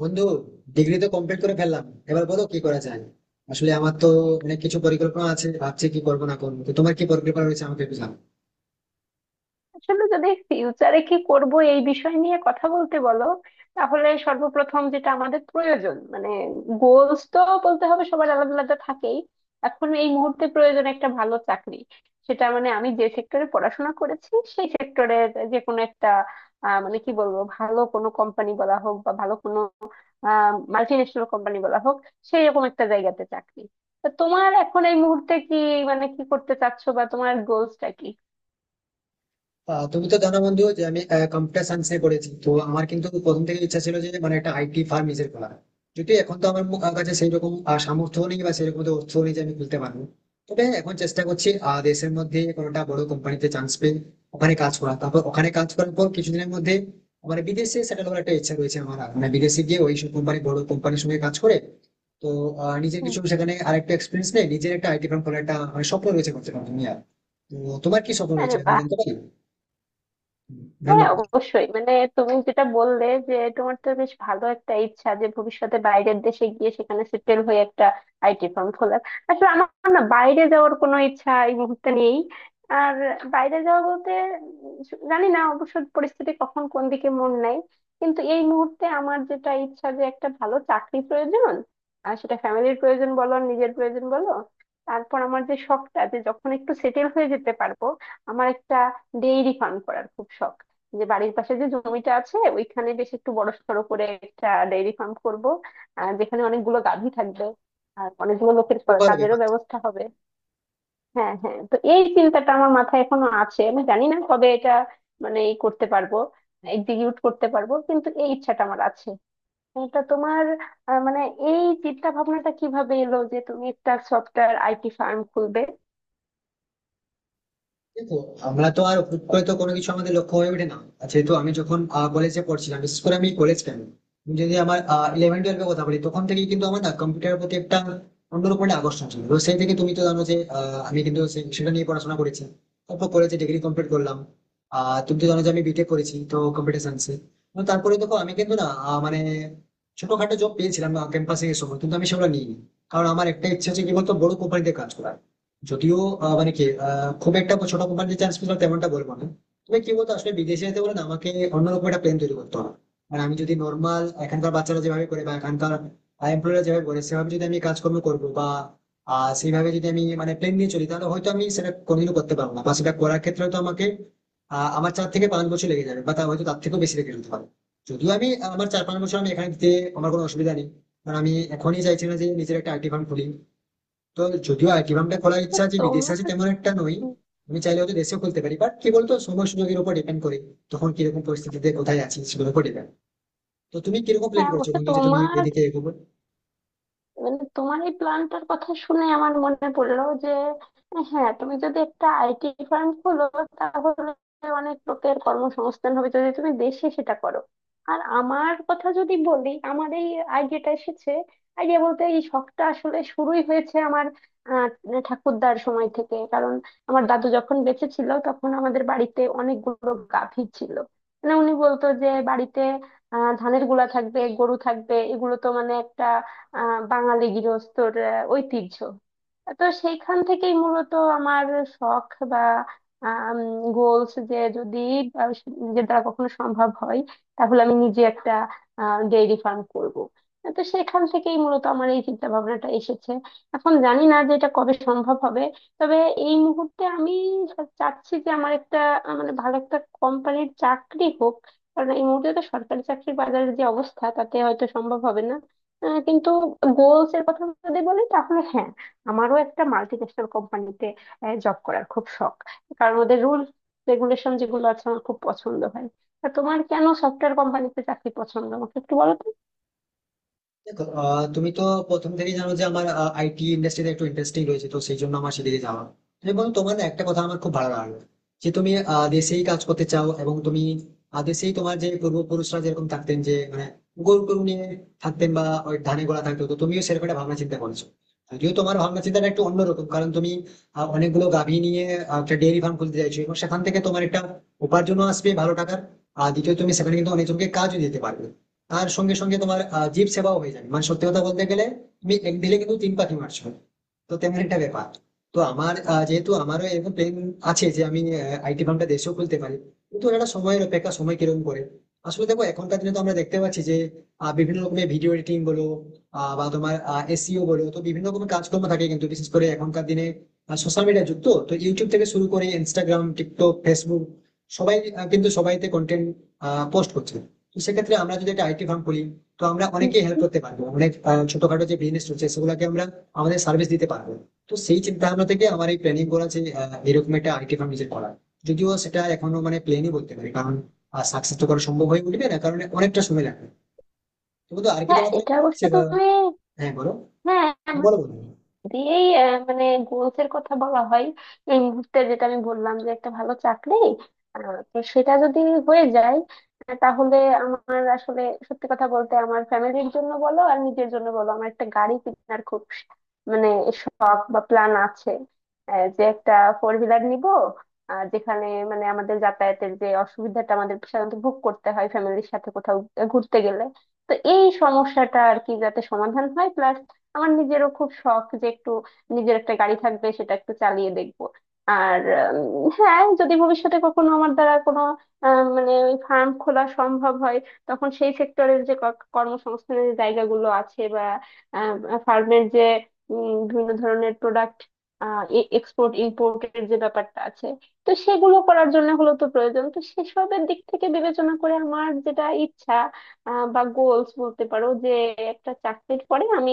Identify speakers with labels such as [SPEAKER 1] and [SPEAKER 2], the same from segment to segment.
[SPEAKER 1] বন্ধু, ডিগ্রি তো কমপ্লিট করে ফেললাম। এবার বলো কি করা যায়। আসলে আমার তো অনেক কিছু পরিকল্পনা আছে, ভাবছি কি করবো না করবো। তো তোমার কি পরিকল্পনা রয়েছে আমাকে একটু জানাও।
[SPEAKER 2] আসলে যদি ফিউচারে কি করব এই বিষয় নিয়ে কথা বলতে বলো তাহলে সর্বপ্রথম যেটা আমাদের প্রয়োজন মানে গোলস তো বলতে হবে, সবার আলাদা আলাদা থাকেই। এখন এই মুহূর্তে প্রয়োজন একটা ভালো চাকরি, সেটা মানে আমি যে সেক্টরে পড়াশোনা করেছি সেই সেক্টরের যে কোনো একটা, মানে কি বলবো, ভালো কোনো কোম্পানি বলা হোক বা ভালো কোনো মাল্টি ন্যাশনাল কোম্পানি বলা হোক, সেই রকম একটা জায়গাতে চাকরি। তো তোমার এখন এই মুহূর্তে কি মানে কি করতে চাচ্ছো বা তোমার গোলসটা কি?
[SPEAKER 1] তুমি তো জানো বন্ধু যে আমি কম্পিউটার সায়েন্সে পড়েছি। তো আমার কিন্তু প্রথম থেকে ইচ্ছা ছিল যে মানে একটা আইটি ফার্ম নিজের খোলা। যদি এখন তো আমার কাছে সেই রকম সামর্থ্য নেই বা সেরকম তো অর্থ নেই যে আমি খুলতে পারবো। তবে হ্যাঁ, এখন চেষ্টা করছি দেশের মধ্যে কোনোটা বড় কোম্পানিতে চান্স পেয়ে ওখানে কাজ করা, তারপর ওখানে কাজ করার পর কিছুদিনের মধ্যে আমার বিদেশে সেটেল হওয়ার একটা ইচ্ছা রয়েছে। আমার মানে বিদেশে গিয়ে ওই সব কোম্পানি, বড় কোম্পানির সঙ্গে কাজ করে তো নিজের
[SPEAKER 2] হুম।
[SPEAKER 1] কিছু সেখানে আরেকটা এক্সপিরিয়েন্স নেই, নিজের একটা আইটি ফার্ম খোলার একটা মানে স্বপ্ন রয়েছে, করতে পারবো তুমি আর। তো তোমার কি স্বপ্ন রয়েছে
[SPEAKER 2] আরে
[SPEAKER 1] আমি
[SPEAKER 2] বাহ,
[SPEAKER 1] জানতে পারি?
[SPEAKER 2] হ্যাঁ
[SPEAKER 1] ধন্যবাদ।
[SPEAKER 2] অবশ্যই, মানে তুমি যেটা বললে যে তোমার তো বেশ ভালো একটা ইচ্ছা যে ভবিষ্যতে বাইরের দেশে গিয়ে সেখানে সেটেল হয়ে একটা আইটি ফার্ম খোলার। আসলে আমার না বাইরে যাওয়ার কোনো ইচ্ছা এই মুহূর্তে নেই। আর বাইরে যাওয়া বলতে, জানি না অবশ্য পরিস্থিতি কখন কোন দিকে মন নেয়, কিন্তু এই মুহূর্তে আমার যেটা ইচ্ছা যে একটা ভালো চাকরি প্রয়োজন। আর সেটা ফ্যামিলির প্রয়োজন বলো আর নিজের প্রয়োজন বলো। তারপর আমার যে শখটা যে যখন একটু সেটেল হয়ে যেতে পারবো, আমার একটা ডেইরি ফার্ম করার খুব শখ। যে বাড়ির পাশে যে জমিটা আছে ওইখানে বেশ একটু বড়সড় করে একটা ডেইরি ফার্ম করব, যেখানে অনেকগুলো গাভী থাকবে আর অনেকগুলো লোকের
[SPEAKER 1] খুব
[SPEAKER 2] কা-
[SPEAKER 1] ভালো
[SPEAKER 2] কাজেরও
[SPEAKER 1] ব্যাপার তো।
[SPEAKER 2] ব্যবস্থা হবে। হ্যাঁ হ্যাঁ, তো এই চিন্তাটা আমার মাথায় এখনো আছে, আমি জানি না কবে এটা মানে ই করতে পারবো, এক্সিকিউট করতে পারবো, কিন্তু এই ইচ্ছাটা আমার আছে। এটা তোমার মানে এই চিন্তা ভাবনাটা কিভাবে এলো যে তুমি একটা সফটওয়্যার আইটি ফার্ম খুলবে?
[SPEAKER 1] দেখো, আমরা তো আর হুট করে তো কোনো কিছু আমাদের লক্ষ্য হয়ে ওঠে না। আর যেহেতু আমি যখন কলেজে পড়ছিলাম, বিশেষ করে আমি কলেজ কেন, আমি যদি আমার ইলেভেন টুয়েলভ এর কথা বলি, তখন থেকেই কিন্তু আমার না কম্পিউটারের প্রতি একটা অন্যরকম একটা আকর্ষণ ছিল। তো সেই থেকে তুমি তো জানো যে আমি কিন্তু সেটা নিয়ে পড়াশোনা করেছি। তারপর কলেজে ডিগ্রি কমপ্লিট করলাম। আহ, তুমি তো জানো যে আমি বিটেক করেছি তো কম্পিউটার সায়েন্সে। তারপরে দেখো আমি কিন্তু না মানে ছোটখাটো জব পেয়েছিলাম ক্যাম্পাসে এই সময়, কিন্তু আমি সেগুলো নিইনি। কারণ আমার একটা ইচ্ছে হচ্ছে কি বলতো, বড় কোম্পানিতে কাজ করার। যদিও মানে কি, খুব একটা ছোট কোম্পানিতে চান্স পেলাম তেমনটা বলবো না। তবে কি বলতো, আসলে বিদেশে যেতে বলে না আমাকে অন্যরকম একটা প্ল্যান তৈরি করতে হবে। মানে আমি যদি নর্মাল এখানকার বাচ্চারা যেভাবে করে বা এখানকার এমপ্লয়াররা যেভাবে করে সেভাবে যদি আমি কাজকর্ম করবো বা সেইভাবে যদি আমি মানে প্ল্যান নিয়ে চলি, তাহলে হয়তো আমি সেটা কোনোদিনও করতে পারবো না। বা সেটা করার ক্ষেত্রে তো আমাকে আমার চার থেকে পাঁচ বছর লেগে যাবে, বা তা হয়তো তার থেকেও বেশি লেগে যেতে পারে। যদিও আমি আমার চার পাঁচ বছর আমি এখানে দিতে আমার কোনো অসুবিধা নেই। কারণ আমি এখনই চাইছি না যে নিজের একটা আইটি ফার্ম খুলি। তো যদিও আইটি খোলার ইচ্ছা যে বিদেশে আছে
[SPEAKER 2] তোমার
[SPEAKER 1] তেমন একটা নই। আমি চাইলে হয়তো দেশেও খুলতে পারি, বাট কি বলতো সময় সুযোগের উপর ডিপেন্ড করে। তখন কিরকম পরিস্থিতিতে কোথায় আছি সেগুলোর উপর ডিপেন্ড। তো তুমি কিরকম প্ল্যান
[SPEAKER 2] হ্যাঁ
[SPEAKER 1] করছো
[SPEAKER 2] অবশ্য
[SPEAKER 1] বন্ধু যে তুমি
[SPEAKER 2] তোমার
[SPEAKER 1] এদিকে এগোবে?
[SPEAKER 2] মানে তোমার এই প্ল্যানটার কথা শুনে আমার মনে পড়লো যে হ্যাঁ তুমি যদি একটা আইটি ফার্ম খোলো তাহলে অনেক লোকের কর্মসংস্থান হবে যদি তুমি দেশে সেটা করো। আর আমার কথা যদি বলি, আমার এই আইডিয়াটা এসেছে, আইডিয়া বলতে এই শখটা আসলে শুরুই হয়েছে আমার আহ ঠাকুরদার সময় থেকে। কারণ আমার দাদু যখন বেঁচে ছিল তখন আমাদের বাড়িতে অনেকগুলো গাভী ছিল, মানে উনি বলতো যে বাড়িতে ধানের গুলা থাকবে, গরু থাকবে, এগুলো তো মানে একটা বাঙালি গৃহস্থর ঐতিহ্য। তো সেইখান থেকেই মূলত আমার শখ বা গোলস যে যদি আহ, যে দ্বারা কখনো সম্ভব হয় তাহলে আমি নিজে একটা ডেইরি ফার্ম করব। তো সেখান থেকেই মূলত আমার এই চিন্তা ভাবনাটা এসেছে। এখন জানি না যে এটা কবে সম্ভব হবে, তবে এই মুহূর্তে আমি চাচ্ছি যে আমার একটা মানে ভালো একটা কোম্পানির চাকরি হোক। কারণ এই মুহূর্তে তো সরকারি চাকরির বাজারের যে অবস্থা তাতে হয়তো সম্ভব হবে না, কিন্তু গোলস এর কথা যদি বলি তাহলে হ্যাঁ, আমারও একটা মাল্টিন্যাশনাল কোম্পানিতে জব করার খুব শখ, কারণ ওদের রুল রেগুলেশন যেগুলো আছে আমার খুব পছন্দ হয়। তা তোমার কেন সফটওয়্যার কোম্পানিতে চাকরি পছন্দ আমাকে একটু বলো তো।
[SPEAKER 1] দেখো, তুমি তো প্রথম থেকেই জানো যে আমার আইটি ইন্ডাস্ট্রিতে একটু ইন্টারেস্টিং রয়েছে। তো সেই জন্য আমার সেদিকে যাওয়া। এবং তোমার না একটা কথা আমার খুব ভালো লাগলো যে তুমি দেশেই কাজ করতে চাও এবং তুমি দেশেই তোমার যে পূর্বপুরুষরা যেরকম থাকতেন যে মানে গরু গরু নিয়ে থাকতেন বা ওই ধানে গোলা থাকতো, তো তুমিও সেরকম একটা ভাবনা চিন্তা করছো। যদিও তোমার ভাবনা চিন্তাটা একটু অন্যরকম, কারণ তুমি অনেকগুলো গাভী নিয়ে একটা ডেয়ারি ফার্ম খুলতে চাইছো এবং সেখান থেকে তোমার একটা উপার্জনও আসবে ভালো টাকার। আর দ্বিতীয়, তুমি সেখানে কিন্তু অনেকজনকে কাজও দিতে পারবে। আর সঙ্গে সঙ্গে তোমার জীব সেবাও হয়ে যাবে। মানে সত্যি কথা বলতে গেলে তুমি এক দিলে কিন্তু তিন পাখি মারছো। তো তেমন একটা ব্যাপার। তো আমার যেহেতু আমারও এরকম প্ল্যান আছে যে আমি আইটি ফার্মটা দেশেও খুলতে পারি, কিন্তু এটা একটা সময়ের অপেক্ষা, সময় কিরকম করে। আসলে দেখো এখনকার দিনে তো আমরা দেখতে পাচ্ছি যে বিভিন্ন রকমের ভিডিও এডিটিং বলো, বা তোমার এসইও বলো, তো বিভিন্ন রকমের কাজকর্ম থাকে। কিন্তু বিশেষ করে এখনকার দিনে সোশ্যাল মিডিয়া যুক্ত, তো ইউটিউব থেকে শুরু করে ইনস্টাগ্রাম, টিকটক, ফেসবুক সবাই কিন্তু সবাইতে কন্টেন্ট পোস্ট করছে। তো সেক্ষেত্রে আমরা যদি একটা আইটি ফার্ম খুলি, তো আমরা অনেকেই হেল্প
[SPEAKER 2] হুম।
[SPEAKER 1] করতে পারবো। অনেক ছোটখাটো যে বিজনেস রয়েছে সেগুলোকে আমরা আমাদের সার্ভিস দিতে পারবে। তো সেই চিন্তা ভাবনা থেকে আমার এই প্ল্যানিং করা যে এরকম একটা আইটি ফার্ম নিজের করা। যদিও সেটা এখনো মানে প্ল্যানই বলতে পারি, কারণ সাকসেস তো করা সম্ভব হয়ে উঠবে না, কারণ অনেকটা সময় লাগবে। তবু তো আর কি,
[SPEAKER 2] হ্যাঁ
[SPEAKER 1] তোমার কোনো
[SPEAKER 2] এটা
[SPEAKER 1] plan
[SPEAKER 2] অবশ্য
[SPEAKER 1] আছে বা?
[SPEAKER 2] তুমি
[SPEAKER 1] হ্যাঁ বলো।
[SPEAKER 2] হ্যাঁ
[SPEAKER 1] হ্যাঁ,
[SPEAKER 2] মানে
[SPEAKER 1] বলো বলো।
[SPEAKER 2] দিয়েই মানে গোলস এর কথা বলা হয়। এই মুহূর্তে যেটা আমি বললাম যে একটা ভালো চাকরি, আহ, তো সেটা যদি হয়ে যায় তাহলে আমার আসলে সত্যি কথা বলতে আমার ফ্যামিলির জন্য বলো আর নিজের জন্য বলো আমার একটা গাড়ি কেনার খুব মানে শখ বা প্ল্যান আছে। যে একটা ফোর হুইলার নিব, যেখানে মানে আমাদের যাতায়াতের যে অসুবিধাটা আমাদের সাধারণত ভোগ করতে হয় ফ্যামিলির সাথে কোথাও ঘুরতে গেলে, তো এই সমস্যাটা আর কি যাতে সমাধান হয়, প্লাস আমার নিজেরও খুব শখ যে একটু নিজের একটা গাড়ি থাকবে সেটা একটু চালিয়ে দেখব। আর হ্যাঁ যদি ভবিষ্যতে কখনো আমার দ্বারা কোনো মানে ওই ফার্ম খোলা সম্ভব হয়, তখন সেই সেক্টরের যে ক- কর্মসংস্থানের যে জায়গাগুলো আছে বা ফার্মের যে বিভিন্ন ধরনের প্রোডাক্ট এক্সপোর্ট ইম্পোর্টের যে ব্যাপারটা আছে তো সেগুলো করার জন্য হলো তো প্রয়োজন, তো সেসবের দিক থেকে বিবেচনা করে আমার যেটা ইচ্ছা বা গোলস বলতে পারো যে একটা চাকরির পরে আমি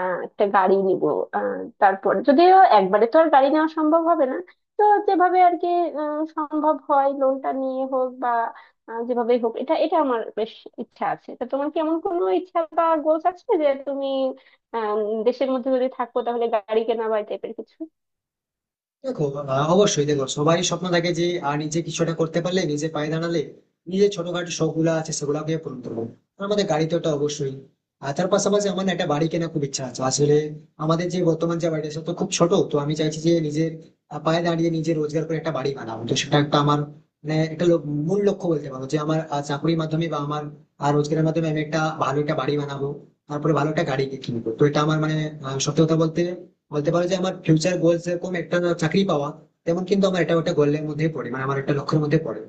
[SPEAKER 2] একটা গাড়ি নিব। আহ তারপর যদিও একবারে তো আর গাড়ি নেওয়া সম্ভব হবে না, তো যেভাবে আর কি সম্ভব হয়, লোনটা নিয়ে হোক বা যেভাবেই হোক, এটা এটা আমার বেশ ইচ্ছা আছে। তা তোমার কি এমন কোনো ইচ্ছা বা গোলস আছে যে তুমি আহ দেশের মধ্যে যদি থাকো তাহলে গাড়ি কেনা বা এই টাইপের কিছু?
[SPEAKER 1] দেখো, অবশ্যই দেখো সবারই স্বপ্ন থাকে যে নিজে কিছুটা করতে পারলে, নিজে পায়ে দাঁড়ালে নিজের ছোটখাটো শখ গুলো আছে সেগুলোকে পূরণ করবো। আমাদের গাড়ি তো ওটা অবশ্যই। আর তার পাশাপাশি আমার না একটা বাড়ি কেনার খুব ইচ্ছা আছে। আসলে আমাদের যে বর্তমান যে বাড়িটা সেটা তো খুব ছোট। তো আমি চাইছি যে নিজের পায়ে দাঁড়িয়ে নিজে রোজগার করে একটা বাড়ি বানাবো। তো সেটা একটা আমার মানে মূল লক্ষ্য বলতে পারো, যে আমার চাকরির মাধ্যমে বা আমার রোজগারের মাধ্যমে আমি একটা ভালো একটা বাড়ি বানাবো। তারপরে ভালো একটা গাড়ি কিনবো। তো এটা আমার মানে সত্যি কথা বলতে বলতে পারো যে আমার ফিউচার গোলস এরকম, একটা চাকরি পাওয়া তেমন কিন্তু আমার, এটা ওটা গোলের মধ্যে পড়ে, মানে আমার একটা লক্ষ্যের মধ্যে পড়ে।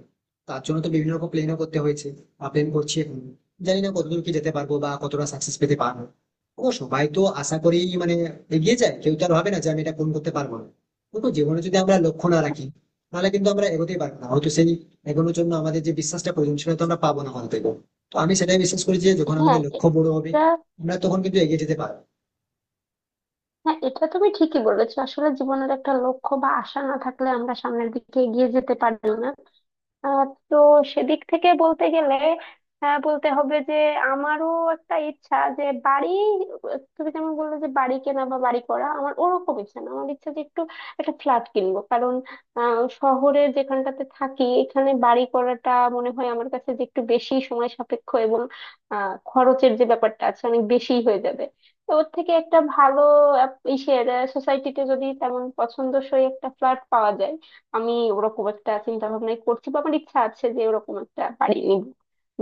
[SPEAKER 1] তার জন্য তো বিভিন্ন রকম প্ল্যানও করতে হয়েছে বা প্ল্যান করছি এখন। জানি না কতদূর কি যেতে পারবো বা কতটা সাকসেস পেতে পারবো। ও সবাই তো আশা করেই মানে এগিয়ে যায়, কেউ তো আর ভাবে না যে আমি এটা পূরণ করতে পারবো না। কিন্তু জীবনে যদি আমরা লক্ষ্য না রাখি, তাহলে কিন্তু আমরা এগোতেই পারবো না। হয়তো সেই এগোনোর জন্য আমাদের যে বিশ্বাসটা প্রয়োজন সেটা তো আমরা পাবো না হয়তো। তো আমি সেটাই বিশ্বাস করি যে যখন আমাদের
[SPEAKER 2] হ্যাঁ
[SPEAKER 1] লক্ষ্য বড় হবে,
[SPEAKER 2] এটা
[SPEAKER 1] আমরা তখন কিন্তু এগিয়ে যেতে পারবো।
[SPEAKER 2] হ্যাঁ এটা তুমি ঠিকই বলেছো, আসলে জীবনের একটা লক্ষ্য বা আশা না থাকলে আমরা সামনের দিকে এগিয়ে যেতে পারি না। আহ, তো সেদিক থেকে বলতে গেলে বলতে হবে যে আমারও একটা ইচ্ছা যে বাড়ি, তুমি যেমন বললে যে বাড়ি কেনা বা বাড়ি করা, আমার ওরকম ইচ্ছা না, আমার ইচ্ছা যে একটু একটা ফ্ল্যাট কিনবো। কারণ শহরে যেখানটাতে থাকি এখানে বাড়ি করাটা মনে হয় আমার কাছে যে একটু বেশি সময় সাপেক্ষ, এবং খরচের যে ব্যাপারটা আছে অনেক বেশি হয়ে যাবে। তো ওর থেকে একটা ভালো ইসের সোসাইটিতে যদি তেমন পছন্দসই একটা ফ্ল্যাট পাওয়া যায়, আমি ওরকম একটা চিন্তা ভাবনাই করছি, বা আমার ইচ্ছা আছে যে ওরকম একটা বাড়ি নিব,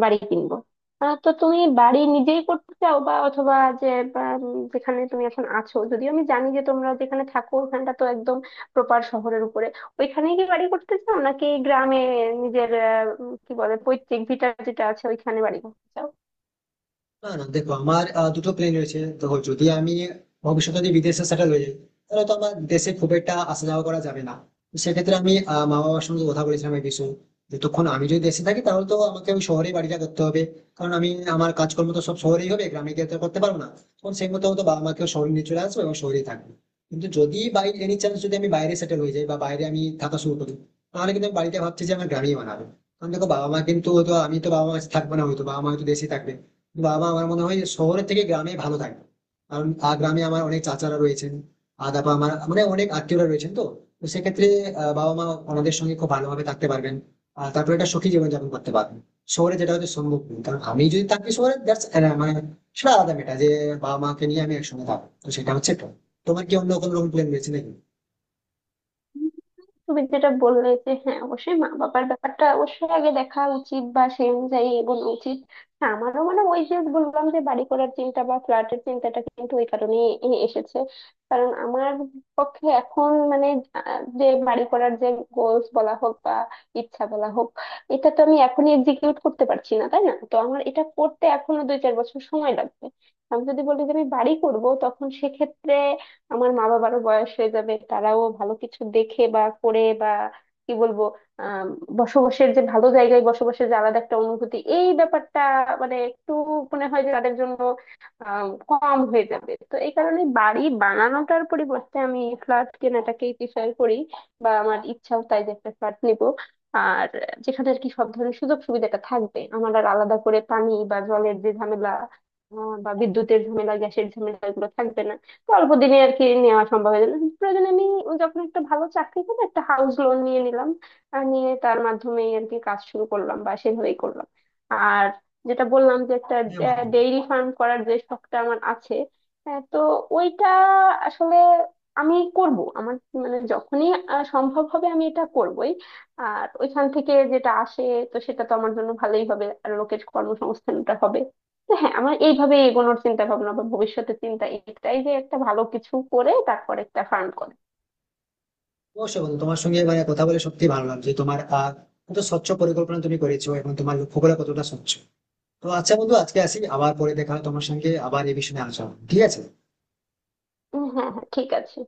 [SPEAKER 2] বাড়ি কিনবো। তো তুমি বাড়ি নিজেই করতে চাও বা অথবা যে বা, যেখানে তুমি এখন আছো, যদিও আমি জানি যে তোমরা যেখানে থাকো ওখানটা তো একদম প্রপার শহরের উপরে, ওইখানেই কি বাড়ি করতে চাও নাকি গ্রামে নিজের কি বলে পৈতৃক ভিটা যেটা আছে ওইখানে বাড়ি করতে চাও?
[SPEAKER 1] না না দেখো, আমার দুটো প্ল্যান রয়েছে। দেখো যদি আমি ভবিষ্যতে যদি বিদেশে সেটেল হয়ে যাই, তাহলে তো আমার দেশে খুব একটা আসা যাওয়া করা যাবে না। তো সেক্ষেত্রে আমি মা বাবার সঙ্গে কথা বলেছিলাম এই বিষয়ে। যতক্ষণ আমি যদি দেশে থাকি তাহলে তো আমাকে ওই শহরে বাড়িটা করতে হবে। কারণ আমি, আমার কাজকর্ম তো সব শহরেই হবে, গ্রামে গিয়ে তো আর করতে পারবো না। তখন সেই মতো হয়তো বাবা মাকেও শহরে নিয়ে চলে আসবো এবং শহরেই থাকবো। কিন্তু যদি বাই এনি চান্স যদি আমি বাইরে সেটেল হয়ে যাই বা বাইরে আমি থাকা শুরু করি, তাহলে কিন্তু আমি বাড়িতে ভাবছি যে আমার গ্রামেই বানাবো। কারণ দেখো বাবা মা কিন্তু হয়তো, আমি তো বাবা মা থাকবো না, হয়তো বাবা মা হয়তো দেশেই থাকবে। বাবা আমার মনে হয় শহরের থেকে গ্রামে ভালো থাকবে। কারণ গ্রামে আমার অনেক চাচারা রয়েছেন। আর তারপর আমার মানে অনেক আত্মীয়রা রয়েছেন তো। তো সেক্ষেত্রে বাবা মা ওনাদের সঙ্গে খুব ভালোভাবে থাকতে পারবেন। আর তারপরে একটা সুখী জীবনযাপন করতে পারবেন। শহরে যেটা হয়তো সম্ভব নয়, কারণ আমি যদি থাকি শহরে দ্যাটস মানে সেটা আলাদা মেটা যে বাবা মাকে নিয়ে আমি একসঙ্গে থাকবো। তো সেটা হচ্ছে এটা। তোমার কি অন্য কোনো রকম প্ল্যান রয়েছে নাকি?
[SPEAKER 2] তুমি যেটা বললে যে হ্যাঁ অবশ্যই মা বাবার ব্যাপারটা অবশ্যই আগে দেখা উচিত বা সেই অনুযায়ী এগোনো উচিত। হ্যাঁ, আমারও মানে ওই যে বললাম যে বাড়ি করার চিন্তা বা ফ্ল্যাটের চিন্তাটা কিন্তু ওই কারণেই এ- এসেছে। কারণ আমার পক্ষে এখন মানে যে বাড়ি করার যে গোলস বলা হোক বা ইচ্ছা বলা হোক, এটা তো আমি এখনই এক্সিকিউট করতে পারছি না তাই না, তো আমার এটা করতে এখনো দুই চার বছর সময় লাগবে। আমি যদি বলি যে আমি বাড়ি করব, তখন সেক্ষেত্রে আমার মা বাবারও বয়স হয়ে যাবে, তারাও ভালো কিছু দেখে বা করে বা কি বলবো আহ বসবাসের যে ভালো জায়গায় বসবাসের যে আলাদা একটা অনুভূতি এই ব্যাপারটা মানে একটু মনে হয় যে তাদের জন্য কম হয়ে যাবে। তো এই কারণে বাড়ি বানানোটার পরিবর্তে আমি ফ্ল্যাট কেনাটাকেই প্রিফার করি, বা আমার ইচ্ছাও তাই যে একটা ফ্ল্যাট নিব। আর যেখানে আর কি সব ধরনের সুযোগ সুবিধাটা থাকবে আমার, আর আলাদা করে পানি বা জলের যে ঝামেলা বা বিদ্যুতের ঝামেলা গ্যাসের ঝামেলা এগুলো থাকবে না, অল্প দিনে আর কি নেওয়া সম্ভব হয়ে গেল। প্রয়োজনে আমি যখন একটা ভালো চাকরি পেলে একটা হাউস লোন নিয়ে নিলাম, আর নিয়ে তার মাধ্যমেই আর কি কাজ শুরু করলাম বা সেভাবেই করলাম। আর যেটা বললাম যে একটা
[SPEAKER 1] হ্যাঁ বন্ধু।
[SPEAKER 2] ডেইরি ফার্ম করার যে শখটা আমার আছে, হ্যাঁ, তো ওইটা আসলে আমি করব। আমার মানে যখনই সম্ভব হবে আমি এটা করবই, আর ওইখান থেকে যেটা আসে তো সেটা তো আমার জন্য ভালোই হবে আর লোকের কর্মসংস্থানটা হবে। তো হ্যাঁ আমার এইভাবে এগোনোর চিন্তা ভাবনা বা ভবিষ্যতের চিন্তা এটাই, যে একটা ভালো কিছু করে তারপর একটা ফার্ম করে।
[SPEAKER 1] অবশ্যই বন্ধু, তোমার সঙ্গে মানে কথা বলে সত্যি ভালো লাগছে। তোমার আহ, কত স্বচ্ছ পরিকল্পনা তুমি করেছো এবং তোমার লক্ষ্যগুলো কতটা স্বচ্ছ। তো আচ্ছা বন্ধু আজকে আসি, আবার পরে দেখা হয় তোমার সঙ্গে, আবার এই বিষয়ে আলোচনা হবে। ঠিক আছে?
[SPEAKER 2] উম হ্যাঁ হ্যাঁ ঠিক আছে।